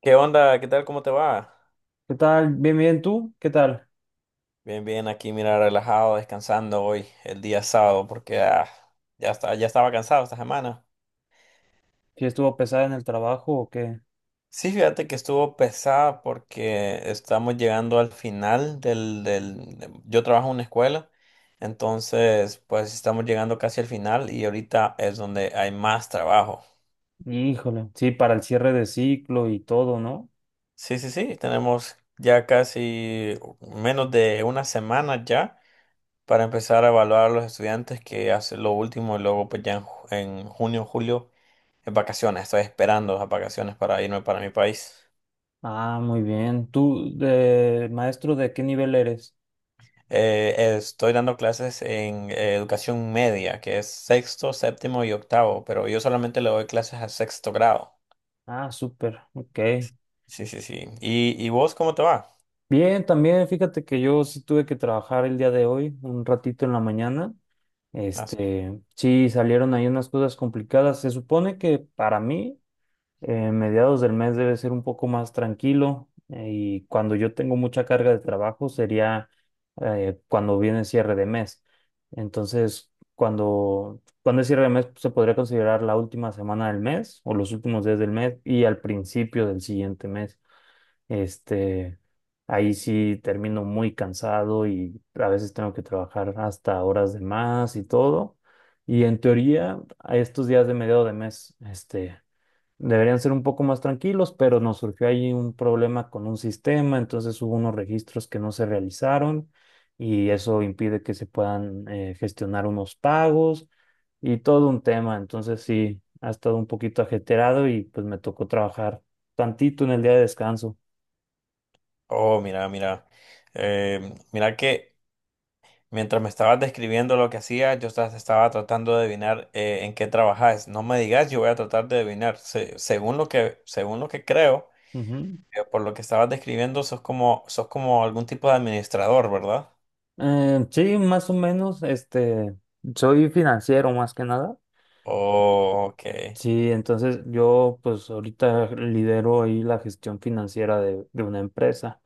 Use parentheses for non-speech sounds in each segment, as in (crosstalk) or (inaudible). ¿Qué onda? ¿Qué tal? ¿Cómo te va? ¿Qué tal? Bien, bien, ¿tú? ¿Qué tal? Bien, bien, aquí mira, relajado, descansando hoy, el día sábado, porque ya está, ya estaba cansado esta semana. ¿Si estuvo pesada en el trabajo o qué? Sí, fíjate que estuvo pesada porque estamos llegando al final. Yo trabajo en una escuela, entonces pues estamos llegando casi al final y ahorita es donde hay más trabajo. Híjole, sí, para el cierre de ciclo y todo, ¿no? Sí, sí, sí, tenemos ya casi menos de una semana ya para empezar a evaluar a los estudiantes que hacen lo último y luego pues ya en junio, julio, en vacaciones. Estoy esperando las vacaciones para irme para mi país. Ah, muy bien. ¿Tú, de maestro, de qué nivel eres? Estoy dando clases en educación media, que es sexto, séptimo y octavo, pero yo solamente le doy clases a sexto grado. Ah, súper, ok. Sí, sí, sí. ¿Y vos cómo te va? Bien, también fíjate que yo sí tuve que trabajar el día de hoy, un ratito en la mañana. Ah, sí. Sí, salieron ahí unas cosas complicadas. Se supone que para mí mediados del mes debe ser un poco más tranquilo y cuando yo tengo mucha carga de trabajo sería cuando viene el cierre de mes. Entonces, cuando es cierre de mes pues, se podría considerar la última semana del mes o los últimos días del mes y al principio del siguiente mes. Este, ahí sí termino muy cansado y a veces tengo que trabajar hasta horas de más y todo. Y en teoría, a estos días de mediado de mes, deberían ser un poco más tranquilos, pero nos surgió ahí un problema con un sistema, entonces hubo unos registros que no se realizaron y eso impide que se puedan gestionar unos pagos y todo un tema. Entonces sí, ha estado un poquito ajetreado y pues me tocó trabajar tantito en el día de descanso. Oh, mira, mira. Eh, mira que... Mientras me estabas describiendo lo que hacías, yo estaba tratando de adivinar en qué trabajas. No me digas, yo voy a tratar de adivinar. Según lo que creo, Ujú. Por lo que estabas describiendo, sos como algún tipo de administrador, ¿verdad? Sí, más o menos, soy financiero más que nada. Oh, ok. Sí, entonces yo pues ahorita lidero ahí la gestión financiera de una empresa.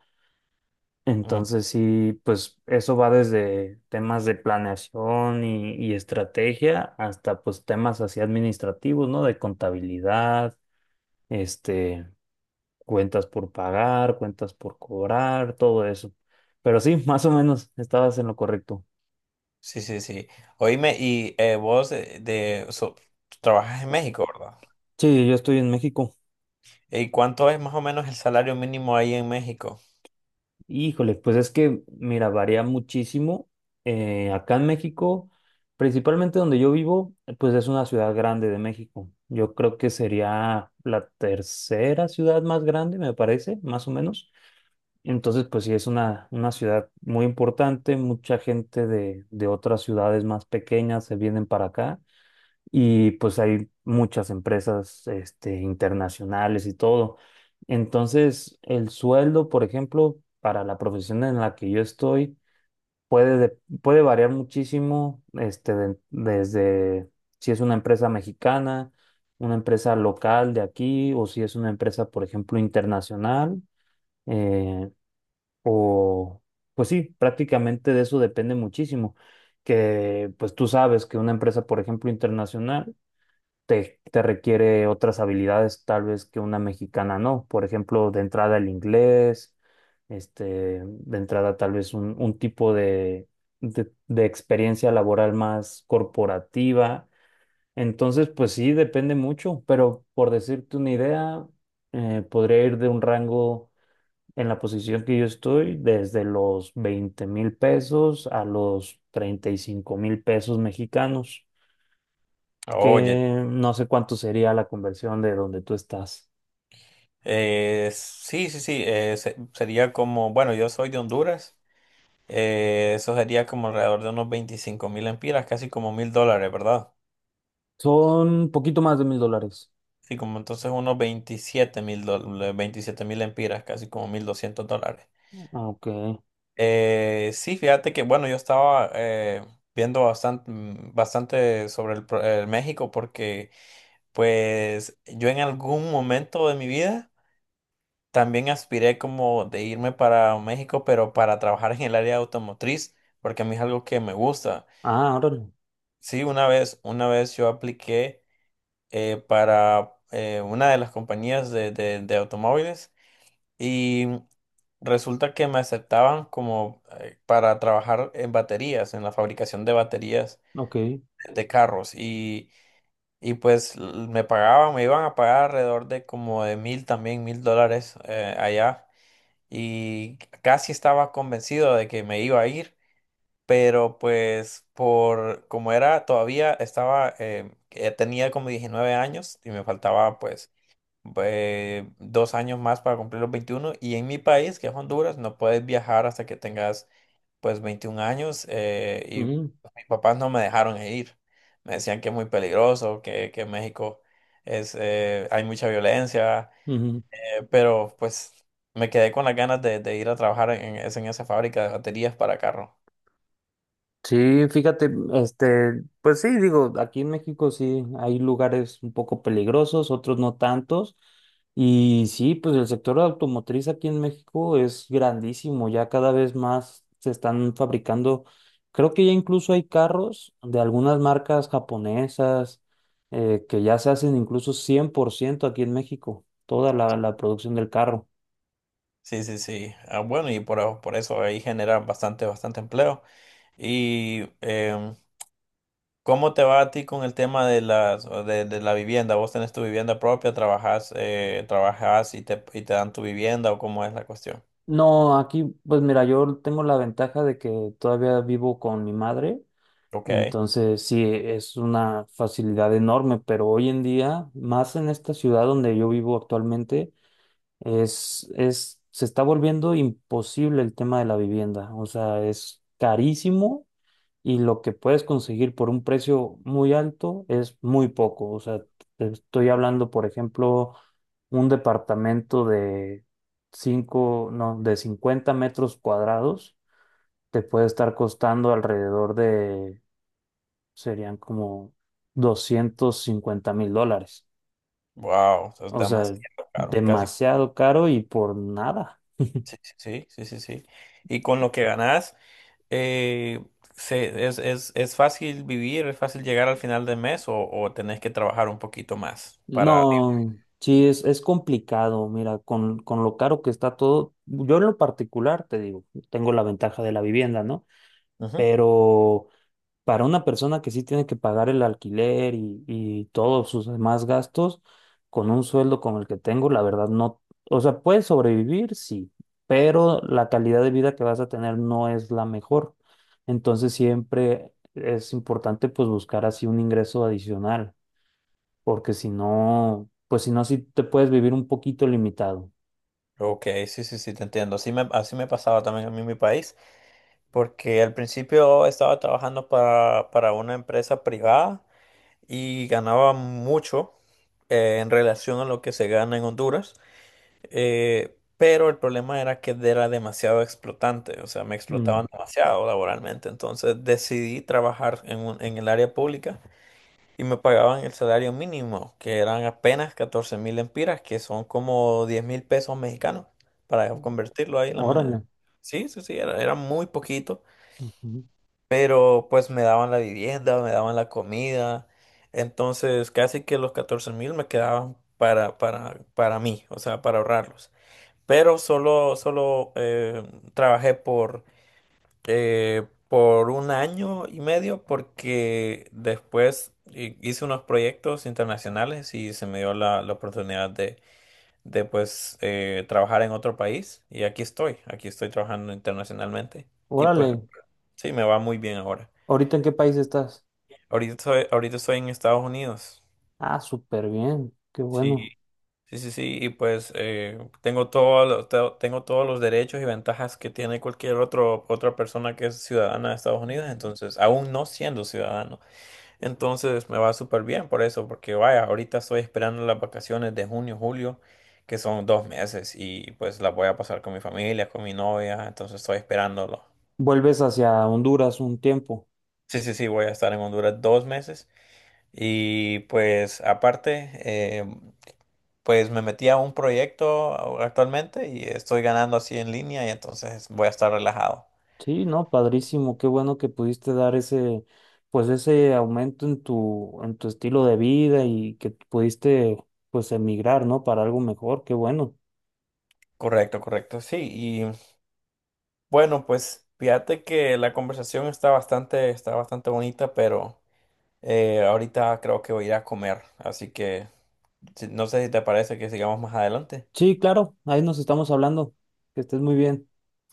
Mm, Entonces sí, pues eso va desde temas de planeación y estrategia hasta pues temas así administrativos, ¿no? De contabilidad, este, cuentas por pagar, cuentas por cobrar, todo eso. Pero sí, (laughs) más o menos estabas en lo correcto. sí, sí, sí. Oíme, y vos trabajas en México, ¿verdad? Sí, yo estoy en México. ¿Y cuánto es más o menos el salario mínimo ahí en México? Híjole, pues es que, mira, varía muchísimo. Acá en México, principalmente donde yo vivo, pues es una ciudad grande de México. Yo creo que sería la tercera ciudad más grande, me parece, más o menos. Entonces, pues sí, es una ciudad muy importante. Mucha gente de otras ciudades más pequeñas se vienen para acá y pues hay muchas empresas internacionales y todo. Entonces, el sueldo, por ejemplo, para la profesión en la que yo estoy, puede variar muchísimo desde si es una empresa mexicana, una empresa local de aquí, o si es una empresa, por ejemplo, internacional, eh, o pues sí, prácticamente de eso depende muchísimo. Que pues tú sabes que una empresa, por ejemplo, internacional, te requiere otras habilidades tal vez que una mexicana no. Por ejemplo, de entrada el inglés, de entrada tal vez un tipo de experiencia laboral más corporativa. Entonces, pues sí, depende mucho, pero por decirte una idea, podría ir de un rango en la posición que yo estoy desde los 20.000 pesos a los 35.000 pesos mexicanos Oye, que no sé cuánto sería la conversión de donde tú estás. Sí, sí, sí. Sería como, bueno, yo soy de Honduras. Eso sería como alrededor de unos 25,000 empiras, casi como $1,000, ¿verdad? Son un poquito más de 1.000 dólares. Sí, como entonces unos $27,000, 27,000 empiras, casi como $1,200. Ok. Sí, fíjate que, bueno, yo estaba viendo bastante, bastante sobre el México porque, pues, yo en algún momento de mi vida también aspiré como de irme para México, pero para trabajar en el área automotriz, porque a mí es algo que me gusta. Ah, órale. Sí, una vez yo apliqué para una de las compañías de automóviles y resulta que me aceptaban como para trabajar en baterías, en la fabricación de baterías Ok. de carros y, pues me iban a pagar alrededor de como de mil también, $1,000 allá y casi estaba convencido de que me iba a ir. Pero pues por como era todavía estaba tenía como 19 años y me faltaba pues 2 años más para cumplir los 21 y en mi país, que es Honduras, no puedes viajar hasta que tengas pues 21 años y Ujú, pues, mis papás no me dejaron ir. Me decían que es muy peligroso, que México hay mucha violencia, ujú. Pero pues me quedé con las ganas de ir a trabajar en esa fábrica de baterías para carro. Sí, fíjate, pues sí, digo, aquí en México sí hay lugares un poco peligrosos, otros no tantos, y sí, pues el sector automotriz aquí en México es grandísimo, ya cada vez más se están fabricando, creo que ya incluso hay carros de algunas marcas japonesas que ya se hacen incluso 100% aquí en México, toda la, la producción del carro. Sí, sí, sí. Ah, bueno, y por eso ahí generan bastante, bastante empleo. Y ¿cómo te va a ti con el tema de de la vivienda? ¿Vos tenés tu vivienda propia, trabajas y te dan tu vivienda o cómo es la cuestión? No, aquí, pues mira, yo tengo la ventaja de que todavía vivo con mi madre. Ok, Entonces, sí, es una facilidad enorme, pero hoy en día, más en esta ciudad donde yo vivo actualmente, se está volviendo imposible el tema de la vivienda. O sea, es carísimo y lo que puedes conseguir por un precio muy alto es muy poco. O sea, te estoy hablando, por ejemplo, un departamento de 50 metros cuadrados te puede estar costando alrededor de serían como 250.000 dólares. wow, eso es O sea, demasiado caro, casi, demasiado caro y por nada. sí, sí, sí, sí, sí. Y con lo que ganás, eh, ¿es fácil vivir, es fácil llegar al final del mes o tenés que trabajar un poquito más para...? No, sí, es complicado. Mira, con lo caro que está todo, yo en lo particular, te digo, tengo la ventaja de la vivienda, ¿no? Ujú. Pero para una persona que sí tiene que pagar el alquiler y todos sus demás gastos, con un sueldo como el que tengo, la verdad no, o sea, puedes sobrevivir, sí, pero la calidad de vida que vas a tener no es la mejor. Entonces siempre es importante pues buscar así un ingreso adicional, porque si no, pues si no, sí te puedes vivir un poquito limitado. Ok, sí, sí, sí, te entiendo. Así me pasaba también a mí en mi país. Porque al principio estaba trabajando para una empresa privada y ganaba mucho en relación a lo que se gana en Honduras, pero el problema era que era demasiado explotante, o sea, me Mm. explotaban demasiado laboralmente, entonces decidí trabajar en el área pública y me pagaban el salario mínimo, que eran apenas 14,000 empiras, que son como 10,000 pesos mexicanos, para convertirlo ahí en la moneda. Órale. Sí, sí, sí, era muy poquito Ujú. pero pues me daban la vivienda, me daban la comida, entonces casi que los 14,000 me quedaban para mí, o sea, para ahorrarlos. Pero solo trabajé por un año y medio porque después hice unos proyectos internacionales y se me dio la oportunidad de pues trabajar en otro país y aquí estoy trabajando internacionalmente y pues Órale. sí, me va muy bien ahora. ¿Ahorita en qué país estás? Ahorita estoy en Estados Unidos. Ah, súper bien. Qué Sí, bueno. sí, sí, sí, y pues tengo todos los derechos y ventajas que tiene cualquier otro, otra persona que es ciudadana de Estados Unidos, entonces, aún no siendo ciudadano. Entonces me va súper bien por eso, porque vaya, ahorita estoy esperando las vacaciones de junio, julio, que son 2 meses, y pues las voy a pasar con mi familia, con mi novia, entonces estoy esperándolo. Vuelves hacia Honduras un tiempo. Sí, sí, sí, voy a estar en Honduras 2 meses. Y pues aparte, pues me metí a un proyecto actualmente y estoy ganando así en línea y entonces voy a estar relajado. Sí, no, padrísimo, qué bueno que pudiste dar ese, pues ese aumento en tu estilo de vida y que pudiste, pues emigrar, ¿no? Para algo mejor, qué bueno. Correcto, correcto, sí. Y bueno, pues fíjate que la conversación está bastante, bonita, pero ahorita creo que voy a ir a comer. Así que no sé si te parece que sigamos más adelante. Sí, claro, ahí nos estamos hablando. Que estés muy bien.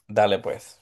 Dale pues.